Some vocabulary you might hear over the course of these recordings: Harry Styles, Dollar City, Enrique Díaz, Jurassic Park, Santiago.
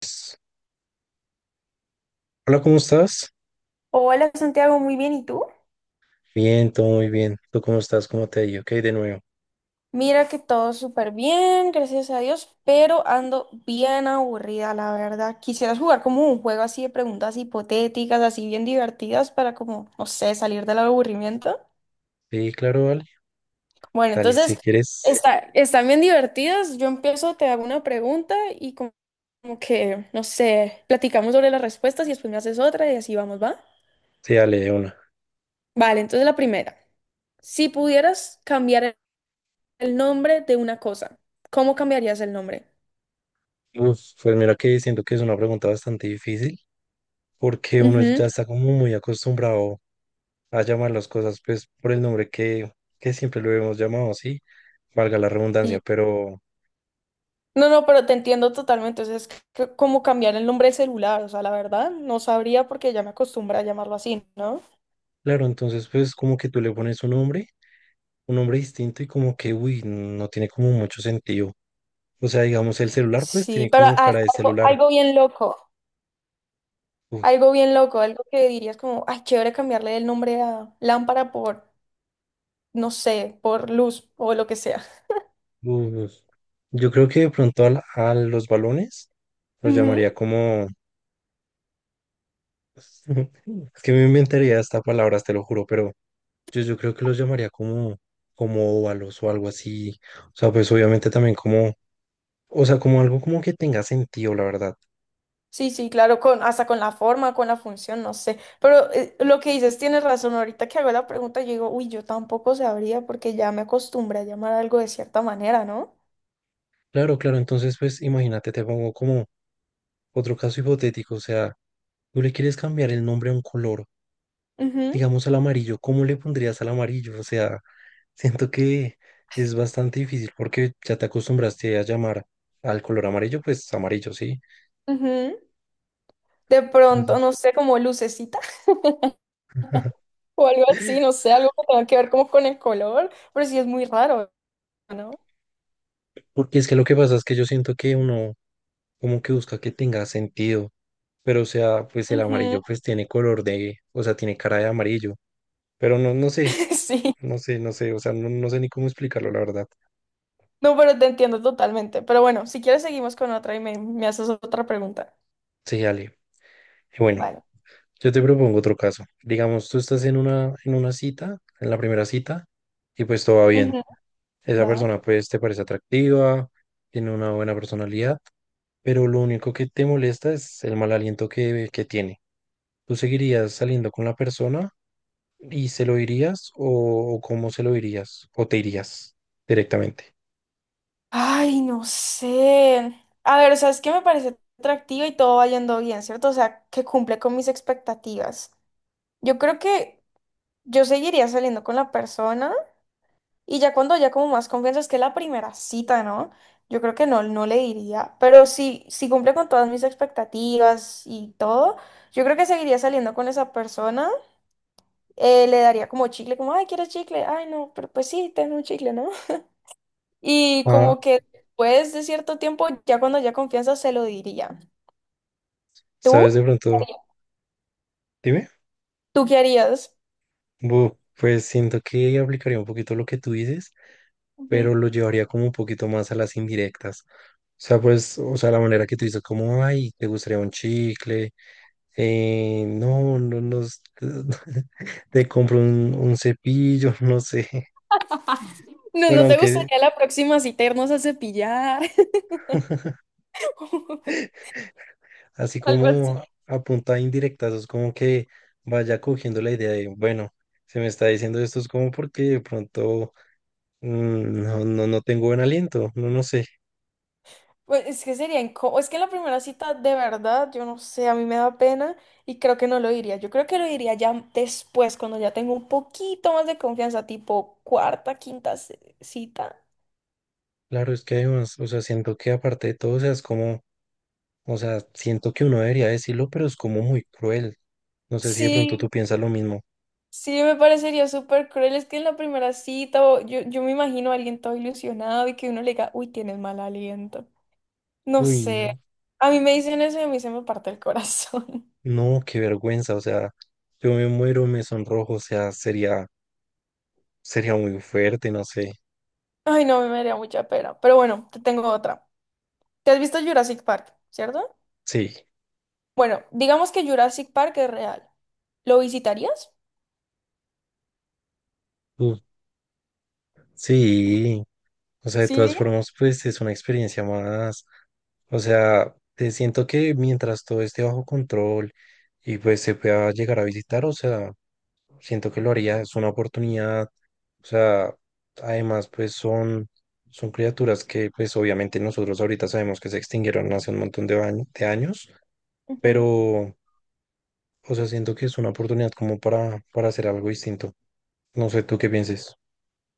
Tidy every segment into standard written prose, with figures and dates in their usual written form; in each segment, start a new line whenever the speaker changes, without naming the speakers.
Pues, hola, ¿cómo estás?
Hola Santiago, muy bien, ¿y tú?
Bien, todo muy bien. ¿Tú cómo estás? ¿Cómo te ha ido? Ok, de nuevo.
Mira que todo súper bien, gracias a Dios, pero ando bien aburrida, la verdad. Quisieras jugar como un juego así de preguntas hipotéticas, así bien divertidas para como, no sé, salir del aburrimiento.
Sí, claro, vale.
Bueno,
Dale, si
entonces,
quieres,
está, están bien divertidas. Yo empiezo, te hago una pregunta y como, como que, no sé, platicamos sobre las respuestas y después me haces otra y así vamos, ¿va?
sí, dale de una.
Vale, entonces la primera. Si pudieras cambiar el nombre de una cosa, ¿cómo cambiarías el nombre?
Uf, pues mira que siento que es una pregunta bastante difícil porque uno
Ujú.
ya está como muy acostumbrado a llamar las cosas pues por el nombre que siempre lo hemos llamado, sí, valga la redundancia,
Sí.
pero
No, no, pero te entiendo totalmente. O sea, es como cambiar el nombre de celular. O sea, la verdad, no sabría porque ya me acostumbré a llamarlo así, ¿no?
claro. Entonces pues como que tú le pones un nombre distinto y como que, uy, no tiene como mucho sentido. O sea, digamos, el celular pues
Sí,
tiene
pero
como
ah,
cara de
algo,
celular.
algo bien loco. Algo bien loco. Algo que dirías como, ay, chévere cambiarle el nombre a lámpara por, no sé, por luz o lo que sea.
Uf, yo creo que de pronto a los balones los
Ujú.
llamaría como... Es que me inventaría esta palabra, te lo juro, pero yo creo que los llamaría como, como óvalos o algo así. O sea, pues obviamente también como... O sea, como algo como que tenga sentido, la verdad.
Sí, sí, claro, con, hasta con la forma, con la función, no sé. Pero lo que dices, tienes razón. Ahorita que hago la pregunta, yo digo, uy, yo tampoco sabría porque ya me acostumbré a llamar algo de cierta manera, ¿no?
Claro, claro, entonces pues imagínate, te pongo como otro caso hipotético. O sea, tú le quieres cambiar el nombre a un color.
Ujú,
Digamos al amarillo, ¿cómo le pondrías al amarillo? O sea, siento que es bastante difícil porque ya te acostumbraste a llamar al color amarillo, pues amarillo, ¿sí?
ujú. De pronto,
Entonces,
no sé, como lucecita o algo así, no sé, algo que tenga que ver como con el color, pero sí es muy raro, ¿no?
porque es que lo que pasa es que yo siento que uno como que busca que tenga sentido, pero o sea, pues el
Ujú,
amarillo pues tiene color de, o sea, tiene cara de amarillo, pero no, no sé,
sí,
no sé, no sé, o sea, no, no sé ni cómo explicarlo, la verdad.
no, pero te entiendo totalmente. Pero bueno, si quieres seguimos con otra y me haces otra pregunta.
Sí, Ale. Bueno,
Vale.
yo te propongo otro caso. Digamos, tú estás en una, cita, en la primera cita, y pues todo va bien.
Ujú,
Esa
va.
persona pues te parece atractiva, tiene una buena personalidad, pero lo único que te molesta es el mal aliento que tiene. ¿Tú seguirías saliendo con la persona y se lo dirías o cómo se lo dirías? ¿O te irías directamente?
Ay, no sé. A ver, o sea, es que me parece atractiva y todo va yendo bien, ¿cierto? O sea, que cumple con mis expectativas. Yo creo que yo seguiría saliendo con la persona. Y ya cuando haya como más confianza, es que la primera cita, ¿no? Yo creo que no, no le diría, pero si cumple con todas mis expectativas y todo, yo creo que seguiría saliendo con esa persona, le daría como chicle, como, ay, ¿quieres chicle? Ay, no, pero pues sí, ten un chicle, ¿no? Y
Ah,
como que después de cierto tiempo, ya cuando haya confianza, se lo diría.
¿sabes de
¿Tú?
pronto? Dime.
¿Tú qué harías?
Pues siento que aplicaría un poquito lo que tú dices, pero
Ujú.
lo llevaría como un poquito más a las indirectas. Sea, pues, o sea, la manera que tú dices, como, ay, te gustaría un chicle, no, no, no, te compro un cepillo, no sé.
No,
Bueno,
¿no te
aunque
gustaría la próxima cita irnos a cepillar?
así
Algo así.
como a punta indirecta, eso es como que vaya cogiendo la idea de, bueno, se me está diciendo esto es como porque de pronto no, no, no tengo buen aliento, no, no sé.
Pues es que sería incómodo. Es que en la primera cita, de verdad, yo no sé, a mí me da pena y creo que no lo diría. Yo creo que lo diría ya después, cuando ya tengo un poquito más de confianza, tipo cuarta, quinta cita.
Claro, es que además, o sea, siento que aparte de todo, o sea, es como... O sea, siento que uno debería decirlo, pero es como muy cruel. No sé si de pronto
Sí,
tú piensas lo mismo.
sí, me parecería súper cruel. Es que en la primera cita, yo, yo me imagino a alguien todo ilusionado y que uno le diga, uy, tienes mal aliento. No
Uy,
sé.
no.
A mí me dicen eso y a mí se me parte el corazón.
No, qué vergüenza. O sea, yo me muero, me sonrojo. O sea, sería, sería muy fuerte, no sé.
Ay, no, a mí me daría mucha pena. Pero bueno, te tengo otra. ¿Te has visto Jurassic Park, cierto?
Sí.
Bueno, digamos que Jurassic Park es real. ¿Lo visitarías?
Uh, Sí. O sea, de
¿Sí
todas
iría?
formas, pues es una experiencia más. O sea, te siento que mientras todo esté bajo control y pues se pueda llegar a visitar, o sea. Siento que lo haría, es una oportunidad. O sea, además, pues son criaturas que, pues obviamente nosotros ahorita sabemos que se extinguieron hace un montón de años,
Ujú.
pero, o sea, siento que es una oportunidad como para hacer algo distinto. No sé tú qué pienses.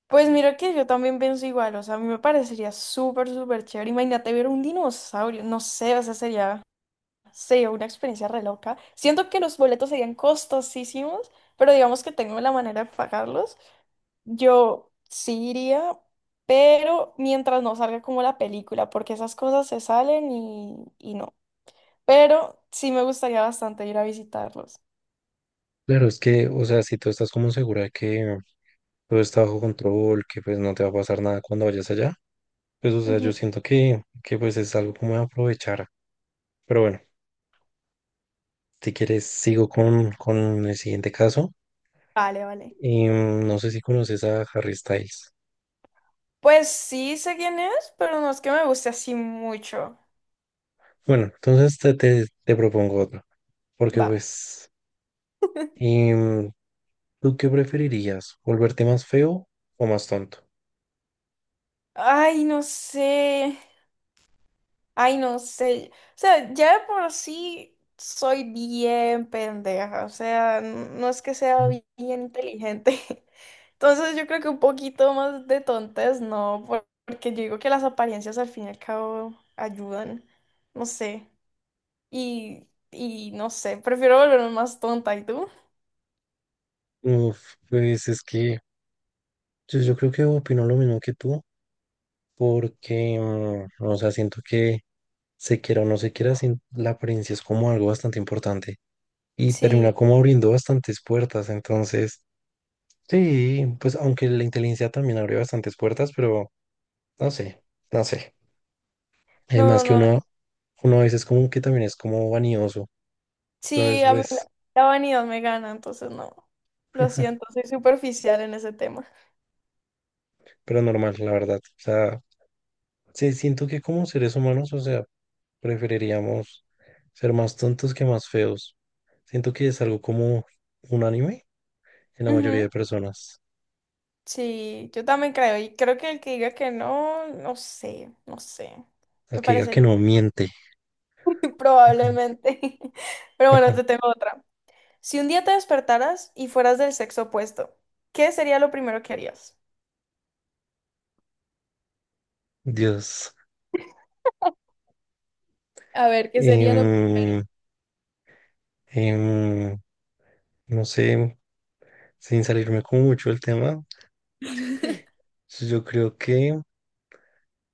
Pues mira que yo también pienso igual, o sea, a mí me parecería súper, súper chévere. Imagínate ver un dinosaurio, no sé, o sea, sería, sería una experiencia re loca. Siento que los boletos serían costosísimos, pero digamos que tengo la manera de pagarlos. Yo sí iría, pero mientras no salga como la película, porque esas cosas se salen y no. Pero sí me gustaría bastante ir a visitarlos.
Claro, es que, o sea, si tú estás como segura de que todo está bajo control, que pues no te va a pasar nada cuando vayas allá, pues, o sea,
Ujú.
yo siento que pues es algo como de aprovechar. Pero bueno, si quieres, sigo con el siguiente caso.
Vale, vale.
Y no sé si conoces a Harry Styles.
Pues sí sé quién es, pero no es que me guste así mucho.
Bueno, entonces te propongo otro. Porque
Va.
pues, y, ¿tú qué preferirías? ¿Volverte más feo o más tonto?
Ay, no sé. Ay, no sé. O sea, ya de por sí soy bien pendeja. O sea, no es que sea
Mm.
bien inteligente. Entonces yo creo que un poquito más de tontes, no, porque yo digo que las apariencias al fin y al cabo ayudan. No sé. Y no sé, prefiero volverme más tonta. ¿Y tú?
Uf, pues es que yo creo que opino lo mismo que tú. Porque, o sea, siento que se quiera o no se quiera, la apariencia es como algo bastante importante. Y
Sí.
termina como abriendo bastantes puertas. Entonces, sí, pues aunque la inteligencia también abre bastantes puertas, pero no sé, no sé. Además
No,
que
no.
uno a veces como que también es como vanidoso.
Sí,
Entonces, pues,
la vanidad me gana, entonces no. Lo siento, soy superficial en ese tema.
pero normal, la verdad. O sea, sí, siento que como seres humanos, o sea, preferiríamos ser más tontos que más feos. Siento que es algo como unánime en la mayoría
Ujú,
de personas.
sí, yo también creo. Y creo que el que diga que no, no sé, no sé.
La
Me
que diga que
parecería
no miente,
probablemente. Pero bueno, te tengo otra. Si un día te despertaras y fueras del sexo opuesto, ¿qué sería lo primero que harías?
Dios.
A ver, ¿qué sería lo...
Em, em, no sé, sin salirme como mucho del tema, yo creo que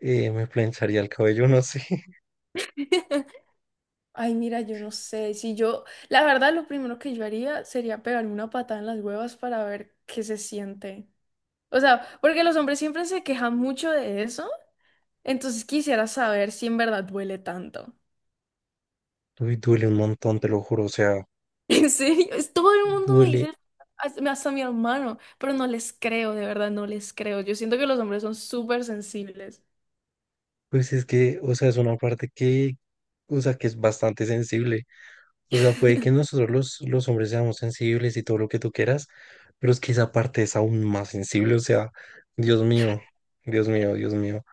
me plancharía el cabello, no sé.
Ay, mira, yo no sé. Si yo, la verdad, lo primero que yo haría sería pegarme una patada en las huevas para ver qué se siente. O sea, porque los hombres siempre se quejan mucho de eso, entonces quisiera saber si en verdad duele tanto.
Uy, duele un montón, te lo juro. O sea,
En serio, es, todo el mundo me
duele.
dice, hasta mi hermano, pero no les creo, de verdad, no les creo. Yo siento que los hombres son súper sensibles.
Pues es que, o sea, es una parte que, o sea, que es bastante sensible. O sea, puede que nosotros los hombres seamos sensibles y todo lo que tú quieras, pero es que esa parte es aún más sensible. O sea, Dios mío, Dios mío, Dios mío.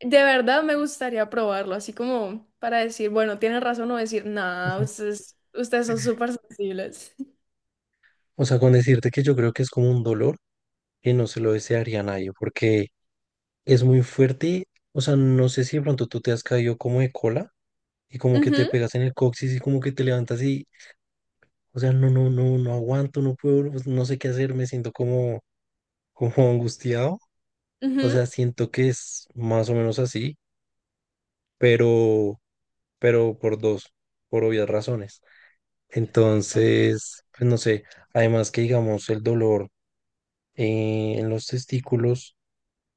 De verdad me gustaría probarlo, así como para decir, bueno, tienen razón o decir, nada, ustedes son súper sensibles.
O sea, con decirte que yo creo que es como un dolor que no se lo desearía a nadie, porque es muy fuerte. O sea, no sé si de pronto tú te has caído como de cola y como que te
Ujú,
pegas en el coxis y como que te levantas y, o sea, no, no, no, no aguanto, no puedo, pues, no sé qué hacer, me siento como angustiado. O
ujú.
sea, siento que es más o menos así, pero, pero, por dos, por obvias razones. Entonces, pues no sé, además que digamos el dolor en los testículos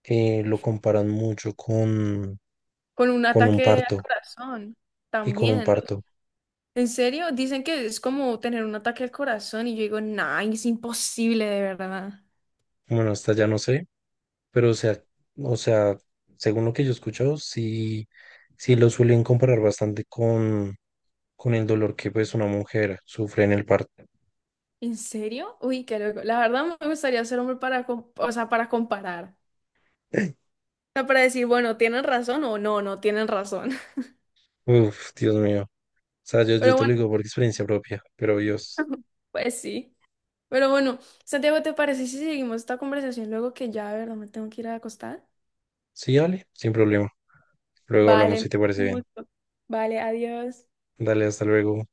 lo comparan mucho con,
Con un
con un
ataque al
parto
corazón
y con un
también.
parto.
¿En serio? Dicen que es como tener un ataque al corazón y yo digo, nah, es imposible de verdad.
Bueno, hasta ya no sé, pero o sea, según lo que yo he escuchado, sí, sí lo suelen comparar bastante con el dolor que pues una mujer sufre en el parto.
¿En serio? Uy, qué loco. La verdad me gustaría ser hombre para, o sea, para comparar. O sea, para decir, bueno, ¿tienen razón o no, no tienen razón?
Uf, Dios mío. O sea, yo
Pero
te lo
bueno,
digo por experiencia propia, pero Dios.
pues sí. Pero bueno, Santiago, ¿te parece si seguimos esta conversación luego que ya de verdad me tengo que ir a acostar?
Sí, dale, sin problema. Luego
Vale,
hablamos si te parece
un
bien.
gusto. Vale, adiós.
Dale, hasta luego.